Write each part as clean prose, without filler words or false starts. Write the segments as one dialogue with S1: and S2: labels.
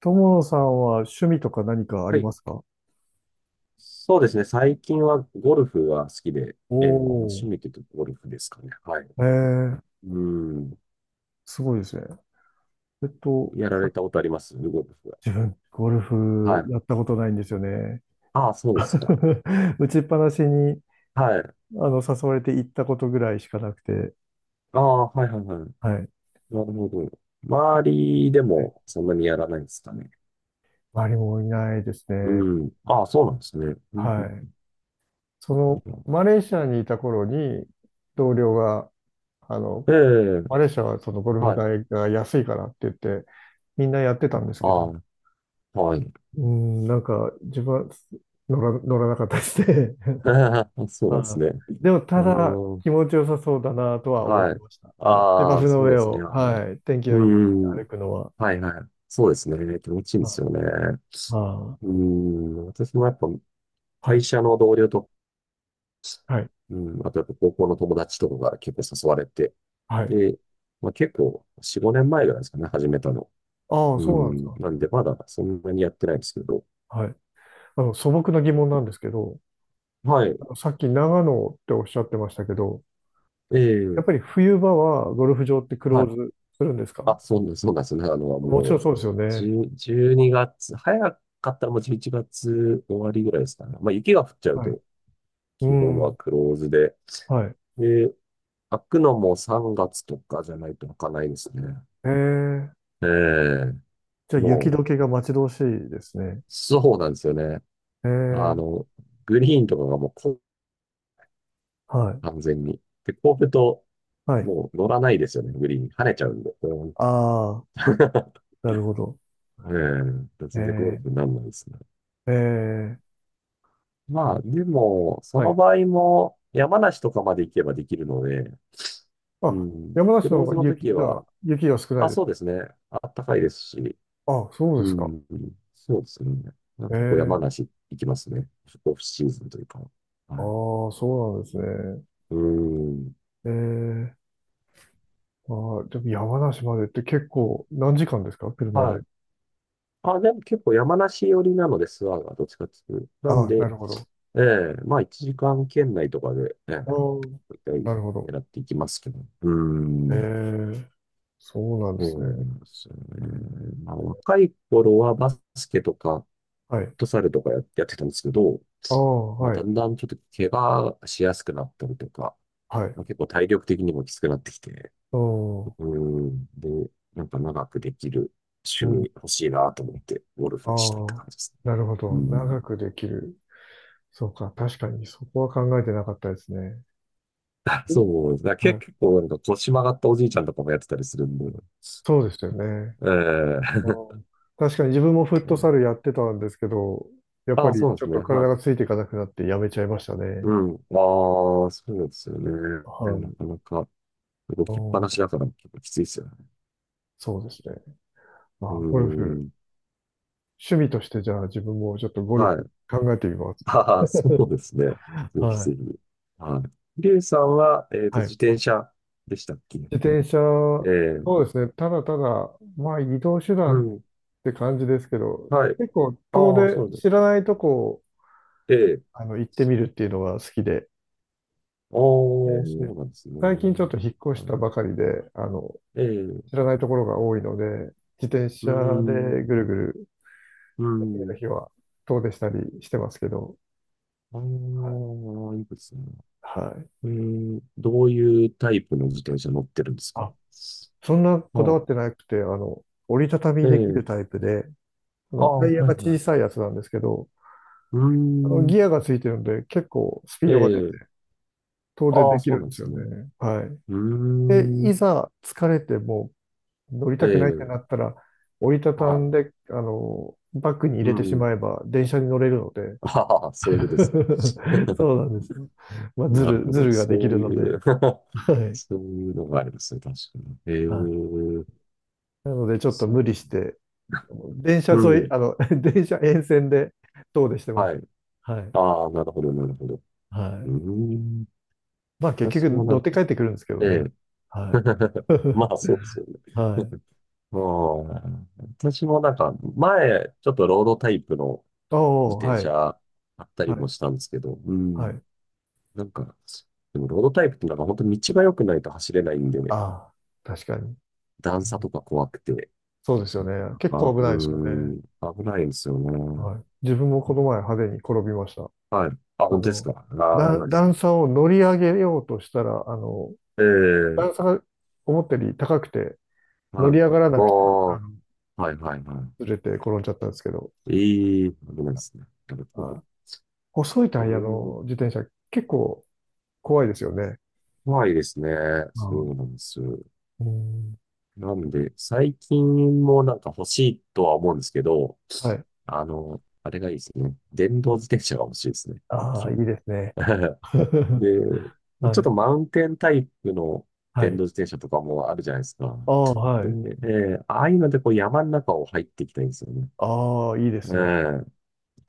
S1: 友野さんは趣味とか何かあ
S2: は
S1: り
S2: い。
S1: ますか？
S2: そうですね。最近はゴルフは好きで、
S1: お
S2: まあ
S1: お
S2: 趣味というとゴルフですかね。はい。
S1: ー、ー、
S2: うん。
S1: すごいですね。えっと、
S2: やられ
S1: さ
S2: たことありますゴルフは？
S1: 自分、ゴル
S2: は
S1: フ
S2: い。
S1: やったことないんですよね。
S2: ああ、そうですか。
S1: 打ちっぱなしに、
S2: はい。
S1: 誘われて行ったことぐらいしかなくて、
S2: ああ、はいはいはい。
S1: はい。
S2: なるほど。周りで
S1: はい、
S2: もそんなにやらないですかね？
S1: 周りもいないですね。
S2: うん。ああ、そうなんですね。うんう
S1: は
S2: ん
S1: い。
S2: うん
S1: マレーシアにいた頃に、同僚が、あの、
S2: ええ、
S1: マレーシアはそのゴルフ
S2: はい。
S1: 代が安いからって言って、みんなやってたんですけど、
S2: ああ、はい。
S1: うん、なんか、自分は乗らなかったですね。
S2: そうなんです
S1: あ
S2: ね。
S1: でも、
S2: う
S1: ただ、
S2: ーん。
S1: 気持ちよさそうだなとは思っ
S2: は
S1: て
S2: い。
S1: ました。芝
S2: あ
S1: 生
S2: あ、
S1: の
S2: そう
S1: 上
S2: ですね。
S1: を、
S2: は
S1: はい、天気
S2: い。
S1: の
S2: う
S1: いい日に
S2: ん。
S1: 歩くのは。
S2: はいはい。そうですね。気持ちいいんです
S1: は
S2: よね。
S1: い。ああ、
S2: うん。私もやっぱ
S1: は
S2: 会
S1: い、
S2: 社の同僚と、
S1: はい、
S2: うん、あとやっぱ高校の友達とかが結構誘われて。
S1: はい。
S2: で、まあ、結構4、5年前ぐらいですかね、始めたの。
S1: ああ、
S2: う
S1: そうなんです
S2: ん。
S1: か。
S2: なんでまだそんなにやってないんですけど。
S1: はい。素朴な疑問なんですけど、
S2: はい。
S1: さっき長野っておっしゃってましたけど、や
S2: え
S1: っぱり
S2: え
S1: 冬場はゴルフ場ってクロー
S2: はい。
S1: ズするんですか？
S2: あ、そうなんですね。
S1: もちろん
S2: もう、
S1: そうですよね。
S2: 10、12月、早かったらもう11月終わりぐらいですかね。まあ雪が降っちゃう
S1: はい。
S2: と、
S1: う
S2: 基本は
S1: ん。
S2: クローズで。
S1: はい。
S2: で、開くのも3月とかじゃないと開かないですね。
S1: ええ、
S2: ええ
S1: じゃあ雪
S2: もう、
S1: 解けが待ち遠しいですね。
S2: そうなんですよね。
S1: え
S2: あ
S1: ー、
S2: の、グリーンとかがもう
S1: はい、
S2: 完全に。で、こうると、
S1: はい。
S2: もう乗らないですよね、グリーン。跳ねちゃうんで。うん。
S1: ああ、なるほど。
S2: ええ、全然ゴルフに
S1: え
S2: ならないですね。
S1: ー、え
S2: まあ、
S1: ー、
S2: でも、そ
S1: は
S2: の
S1: い。
S2: 場合も、山梨とかまで行けばできるので、う
S1: あ、
S2: ん、
S1: 山
S2: ク
S1: 梨の
S2: ロー
S1: 方
S2: ズ
S1: が
S2: の時
S1: 雪が、
S2: は、
S1: 雪が少ない
S2: あ、
S1: で
S2: そう
S1: す。
S2: ですね。あったかいですし、
S1: あ、そうで
S2: う
S1: すか。
S2: ん、そうですね。まあ
S1: え
S2: 結構
S1: ー、
S2: 山梨行きますね。オフシーズンというか。
S1: あ
S2: はい。
S1: あ、そうなんですね。
S2: うん。
S1: えー、あー、でも山梨までって結構何時間ですか車で。
S2: はい。あ、でも結構山梨寄りなので、諏訪がどっちかっていうと。なん
S1: あな
S2: で、
S1: るほど。
S2: ええまあ1時間圏内とかで、ええ
S1: ああ、
S2: 大体
S1: なるほど。
S2: 狙っていきますけど。う
S1: え
S2: ん。
S1: ー、そうなんで
S2: そ
S1: す
S2: うで
S1: ね。
S2: すね。まあ若い頃はバスケとか、フッ
S1: はい。
S2: トサルとかやってたんですけど、
S1: ああ、
S2: まあ
S1: は
S2: だ
S1: い、
S2: んだんちょっと怪我しやすくなったりとか、
S1: はい。
S2: まあ結構体力的にもきつくなってきて、
S1: ああ、う
S2: うん。で、なんか長くできる趣味
S1: ん。
S2: 欲しいなと思って、ゴル
S1: あ
S2: フしたって
S1: あ、
S2: 感じですね。
S1: なるほ
S2: う
S1: ど。
S2: ん。
S1: 長くできる。そうか。確かに、そこは考えてなかったですね。お
S2: そうですね。
S1: はい。
S2: 結構なんか腰曲がったおじいちゃんとかもやってたりするんで。
S1: そうですよね。
S2: え
S1: あ
S2: え。
S1: ー、確かに自分もフットサル やってたんですけど、やっ
S2: あ
S1: ぱ
S2: あ、
S1: り
S2: そうで
S1: ちょ
S2: す
S1: っ
S2: ね。
S1: と
S2: は
S1: 体
S2: い。
S1: がついていかなくなってやめちゃいましたね。
S2: うん。ああ、そうですよね。
S1: は
S2: な
S1: い。
S2: かなか動
S1: う
S2: きっぱな
S1: ん、
S2: しだから結構きついですよね。
S1: そうですね。ま
S2: う
S1: あー、ゴル
S2: ー
S1: フ。
S2: ん。
S1: 趣味としてじゃあ自分もちょっとゴル
S2: は
S1: フ
S2: い。
S1: 考えてみます。
S2: ああ、そうですね。ぜひ
S1: は
S2: ぜひ。
S1: い。
S2: はい。リュウさんは、
S1: は
S2: 自
S1: い。
S2: 転車でしたっけ？
S1: 自転車、そ
S2: ええ
S1: うですね。ただただ、まあ移動手
S2: う
S1: 段っ
S2: ん。
S1: て感じですけど、
S2: はい。
S1: 結構遠
S2: ああ、
S1: 出、
S2: そうで
S1: 知
S2: す。
S1: らないとこを
S2: ええ。
S1: 行ってみるっていうのが好きで、
S2: あ
S1: え
S2: あ、そ
S1: ー
S2: うなんですね。
S1: 最近ちょっと引っ越し
S2: は
S1: た
S2: い。
S1: ばかりで、あの、
S2: ええ。う
S1: 知らないところが多いので、自転
S2: ー
S1: 車
S2: ん。
S1: でぐるぐる、
S2: う
S1: 次の
S2: ーん。
S1: 日は遠出したりしてますけど、
S2: ああ、いいですね。
S1: はい。
S2: ええ、どういうタイプの自転車乗ってるんですかね？
S1: あ、そんな
S2: あ
S1: こだわって
S2: あ、
S1: なくて、折りたたみ
S2: え
S1: でき
S2: え。
S1: るタイプで、
S2: ああ、
S1: タ
S2: は
S1: イ
S2: い
S1: ヤが
S2: は
S1: 小
S2: い。
S1: さいやつなんですけど、
S2: うーん。
S1: ギアがついてるので、結構スピー
S2: え
S1: ドが出て、
S2: え。
S1: 遠出
S2: ああ、
S1: でき
S2: そ
S1: る
S2: うな
S1: ん
S2: ん
S1: で
S2: で
S1: す
S2: す
S1: よ
S2: ね。
S1: ね。はい。
S2: うー
S1: で、い
S2: ん。
S1: ざ疲れても乗り
S2: え
S1: たくないって
S2: え。
S1: なったら、折りたた
S2: は
S1: ん
S2: い。
S1: で、バッグに入
S2: う
S1: れてし
S2: ん。
S1: まえば電車に乗れるので。
S2: ああ、そういうことですね。
S1: そうなんですよ。まあ、
S2: なるほ
S1: ズ
S2: ど。
S1: ルができ
S2: そ
S1: る
S2: う
S1: の
S2: い
S1: で。
S2: う
S1: は
S2: そ
S1: い。
S2: ういうのがありますね。確かに。え
S1: はい。
S2: え。
S1: なので、ちょっと
S2: そ
S1: 無理して、電車
S2: う。う
S1: 沿い、
S2: ん。
S1: あの、電車沿線で遠出してます。
S2: はい。
S1: はい。
S2: ああ、なるほど、なるほど。
S1: は
S2: う
S1: い。
S2: ーん。
S1: まあ、結局
S2: 私もな
S1: 乗っ
S2: んか、
S1: て帰ってくるんですけど
S2: え
S1: ね。
S2: え。
S1: はい。
S2: まあ、そうですよ ね。
S1: はい。
S2: うん。私もなんか、前、ちょっとロードタイプの
S1: あ
S2: 自
S1: あ、
S2: 転
S1: はい。
S2: 車あったり
S1: は
S2: も
S1: い。
S2: したんですけど、う
S1: は
S2: ん。
S1: い。
S2: なんか、でもロードタイプってなんか本当に道が良くないと走れないんでね、
S1: ああ、確かに。
S2: 段差とか怖くて、
S1: そうですよ
S2: なか
S1: ね。
S2: な
S1: 結構
S2: か、
S1: 危
S2: うー
S1: ないですよね。
S2: ん、危ないんですよね。
S1: はい。自分もこの前派手に転びました。
S2: はい。あ、
S1: あ
S2: 本当です
S1: の、
S2: か。ああ、ないです
S1: 段
S2: ね。
S1: 差を乗り上げようとしたら、
S2: ええ、
S1: 段差が思ったより高くて、乗
S2: は
S1: り
S2: い。
S1: 上がら
S2: あ
S1: なくて、
S2: あ、
S1: あの、
S2: はいはいは
S1: ずれて転んじゃったんですけど、
S2: い。危ないですね。なるほど。
S1: はい。細いタ
S2: う
S1: イヤの
S2: ん、
S1: 自転車、結構怖いですよね。
S2: 怖いですね。そ
S1: う
S2: う
S1: ん。
S2: なんです。
S1: うん。
S2: なんで、最近もなんか欲しいとは思うんですけど、
S1: はい。
S2: あれがいいですね。電動自転車が欲しいですね。最
S1: ああ、いい
S2: 近。
S1: ですね。
S2: で、ちょっ
S1: はい。
S2: とマウンテンタイプの
S1: は
S2: 電
S1: い。
S2: 動自転車とかもあるじゃないですか。
S1: ああ、は
S2: で、
S1: い。
S2: ああいうのでこう山の中を入っていきたいんですよね。
S1: ああ、いいですね。
S2: ええ。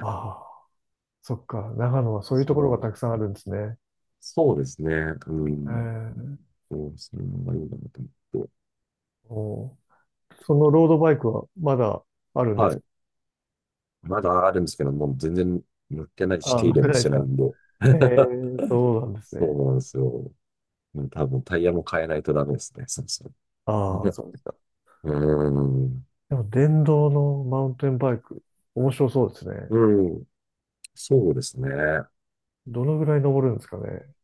S1: ああ、そっか。長野はそういうと
S2: そ
S1: ころが
S2: う、
S1: たくさんあるんですね。
S2: そうですね。うん。
S1: ええ、
S2: そう、それもありだなと思って。
S1: おー、そのロードバイクはまだあるんで
S2: は
S1: すか？
S2: い。まだあるんですけど、もう全然塗ってないし、
S1: あ、
S2: 手入
S1: ま
S2: れ
S1: だ
S2: も
S1: ない
S2: し
S1: で
S2: て
S1: す
S2: ない
S1: か？
S2: んで。
S1: え え、そうなんです
S2: そ
S1: ね。
S2: うなんですよ。もう多分タイヤも変えないとダメですね。そうそう。
S1: ああ、そうですか。
S2: うーん。
S1: でも電動のマウンテンバイク、面白そうですね。
S2: うん。そうですね。ああ、
S1: どのぐらい登るんですかね。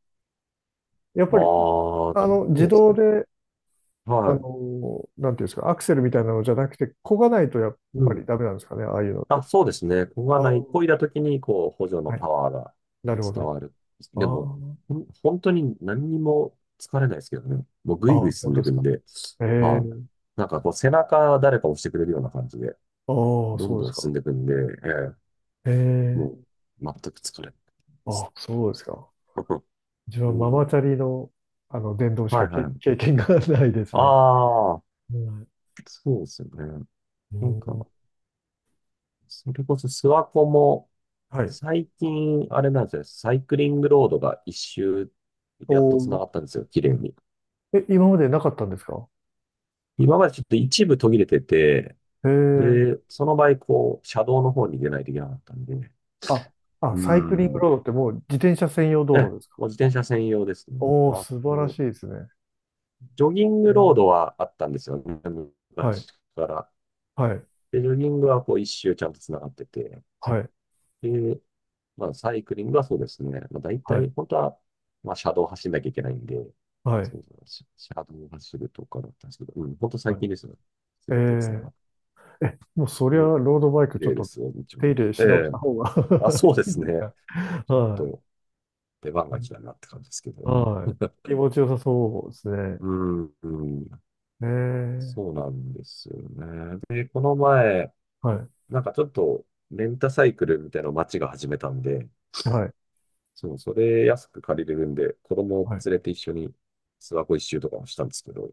S1: やっぱり、
S2: ど
S1: 自
S2: うですか
S1: 動
S2: ね。
S1: で、
S2: はい。
S1: なんていうんですか、アクセルみたいなのじゃなくて、漕がないとやっ
S2: う
S1: ぱり
S2: ん。
S1: ダメなんですかね、ああいうのって。
S2: あ、そうですね。ここが
S1: ああ、
S2: ない、漕いだ時に、こう、補助の
S1: はい、
S2: パワーが
S1: なるほ
S2: 伝
S1: ど。
S2: わる。でも、
S1: あ
S2: 本当に何にも疲れないですけどね。もう
S1: あ、
S2: ぐい
S1: あ
S2: ぐ
S1: あ、
S2: い進
S1: 本
S2: ん
S1: 当
S2: で
S1: で
S2: いく
S1: す
S2: ん
S1: か。
S2: で、
S1: え
S2: はい。
S1: え、
S2: なんかこう、背中誰か押してくれるような感じで、
S1: ああ、
S2: どん
S1: そうで
S2: ど
S1: す
S2: ん
S1: か。
S2: 進んでいくんで、ええも
S1: ええ、
S2: う、全く疲れないで
S1: あ
S2: す。
S1: あ、そうですか。自分
S2: う
S1: はマ
S2: ん。
S1: マチャリの、電動し
S2: は
S1: か
S2: い
S1: け
S2: は
S1: 経
S2: い。
S1: 験がないですね。
S2: ああ、
S1: うん、
S2: そうですよね。
S1: う
S2: なんか、
S1: ん、
S2: それこそ諏訪湖も、
S1: はい。
S2: 最近、あれなんですよね。サイクリングロードが一周、
S1: お
S2: やっと繋
S1: ー、
S2: がったんですよ。綺麗に。
S1: え、今までなかったんですか？
S2: 今までちょっと一部途切れてて、
S1: へえ。
S2: で、その場合、こう、車道の方に出ないといけなかったんで、
S1: あ、あ、
S2: うー
S1: サイクリング
S2: ん。
S1: ロードってもう自転車専用道
S2: ええ、
S1: 路ですか？
S2: もう自転車専用ですね。
S1: おー、
S2: あ
S1: 素晴ら
S2: の、
S1: しいですね。
S2: ジョギン
S1: へ
S2: グロード
S1: ー、
S2: はあったんですよね。
S1: はい、
S2: 昔から。
S1: はい、
S2: で、ジョギングはこう一周ちゃんと繋がってて。
S1: はい、
S2: で、まあ、サイクリングはそうですね。まあ、大
S1: はい、
S2: 体、本当は、まあ、車道を走んなきゃいけないんで、
S1: はい、
S2: そうそう、車道を走るとかだったんですけど、うん、本当最
S1: はい。
S2: 近ですよ。す
S1: え
S2: べて繋が
S1: ー、
S2: っ
S1: え、もうそりゃ
S2: て、
S1: ロードバイク
S2: 綺
S1: ちょっ
S2: 麗で
S1: と
S2: すよ、道
S1: 手
S2: も。
S1: 入れ
S2: え
S1: し直した
S2: え。
S1: 方が
S2: あ、そうで
S1: いい
S2: す
S1: んです
S2: ね。
S1: か？
S2: ちょっ
S1: はい。
S2: と、出番が来たなって感じですけど。
S1: はい。気持ちよさそうですね。
S2: うん、うん、
S1: えー、
S2: そうなんですよね。で、この前、
S1: はい。
S2: なんかちょっと、レンタサイクルみたいなのを街が始めたんで、
S1: はい。
S2: そう、それ安く借りれるんで、子供を
S1: はい。
S2: 連れて一緒に諏訪湖一周とかもしたんですけど、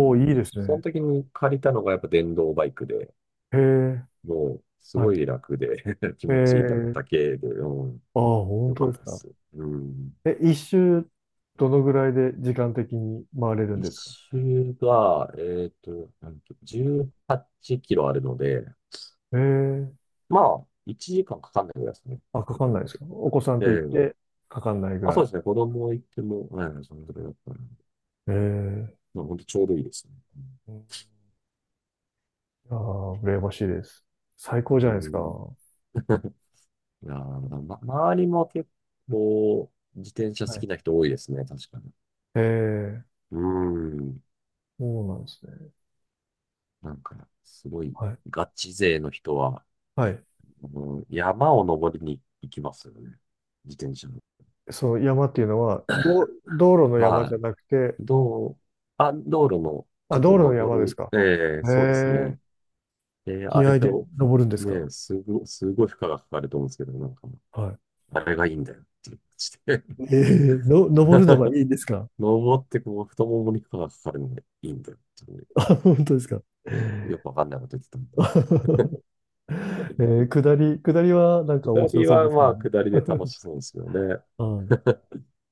S2: う
S1: お、い
S2: ん、
S1: いです
S2: その
S1: ね。
S2: 時に借りたのがやっぱ電動バイクで、
S1: へえ、
S2: もうす
S1: は
S2: ご
S1: い。
S2: い楽で 気
S1: え
S2: 持ちいいだ
S1: え、
S2: だけで、うん、
S1: ああ、本
S2: よか
S1: 当
S2: っ
S1: です
S2: たで
S1: か。
S2: す。うん。
S1: え、一周、どのぐらいで時間的に回れるん
S2: 一
S1: ですか？
S2: 周が、なんと、18キロあるので、
S1: ええ、
S2: まあ、1時間かかんないぐらいですね。
S1: あ、かかんないですか？お子さんと行っ
S2: え
S1: て、
S2: え。
S1: かかんないぐ
S2: あ、
S1: ら
S2: そう
S1: い。
S2: ですね。子供行っても、うん、そのぐらいだったら、
S1: ええ、
S2: まあ、本当ちょうどいいですね。
S1: ああ、羨ましいです。最高
S2: う
S1: じゃないですか。
S2: ん。
S1: は
S2: いやー、ま、周りも結構自転車好
S1: い。
S2: きな人多いですね、確かに。
S1: ええ、
S2: うーん。
S1: そうなんですね。
S2: なんか、すごい、
S1: はい。
S2: ガチ勢の人は、
S1: はい。
S2: あの山を登りに行きますよね。自転車の。
S1: その山っていうのは、道路の山じ
S2: は
S1: ゃなくて、
S2: い。あ、道路の、ちょ
S1: あ、
S2: っ
S1: 道
S2: と
S1: 路の
S2: 登
S1: 山です
S2: る、
S1: か。
S2: ええそうです
S1: え
S2: ね。
S1: え、気
S2: あれ
S1: 合で
S2: を、
S1: 登るんですか？
S2: ね、すごい負荷がかかると思うんですけど、なんか、
S1: はい。
S2: あれがいいんだよっていう感じで
S1: ええの、登るのが いいんですか？
S2: 登って、こう、太ももに負荷がかかるのがいいんだよっていう
S1: あ、本当ですか？
S2: よくわかんないこと言ってたもん。
S1: 下りはなんか面
S2: 下
S1: 白
S2: り
S1: そうで
S2: は、
S1: すよ
S2: ま
S1: ね。
S2: あ、下りで楽しそうですよね。
S1: はい。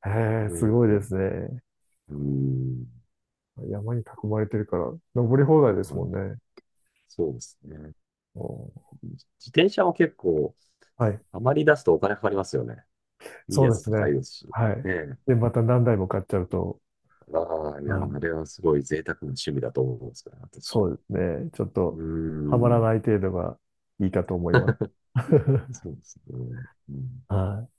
S1: ええ、す
S2: ね
S1: ごい
S2: え。
S1: ですね。
S2: うん、
S1: 山に囲まれてるから、登り放題で
S2: は
S1: すもん
S2: い、
S1: ね。
S2: そうですね。
S1: おー、
S2: 自転車も結構、
S1: はい。
S2: あまり出すとお金かかりますよね。いい
S1: そ
S2: や
S1: うで
S2: つ
S1: す
S2: 高
S1: ね。
S2: いですし。ね
S1: はい。
S2: え。
S1: で、また何台も買っちゃうと、
S2: ああ、いや、
S1: はい。
S2: あれはすごい贅沢な趣味だと思うんですから私。
S1: そ
S2: う
S1: うですね。ちょっ
S2: ー
S1: と、はまら
S2: ん、
S1: ない程度がいいかと思います。
S2: そうですね。うん
S1: はい。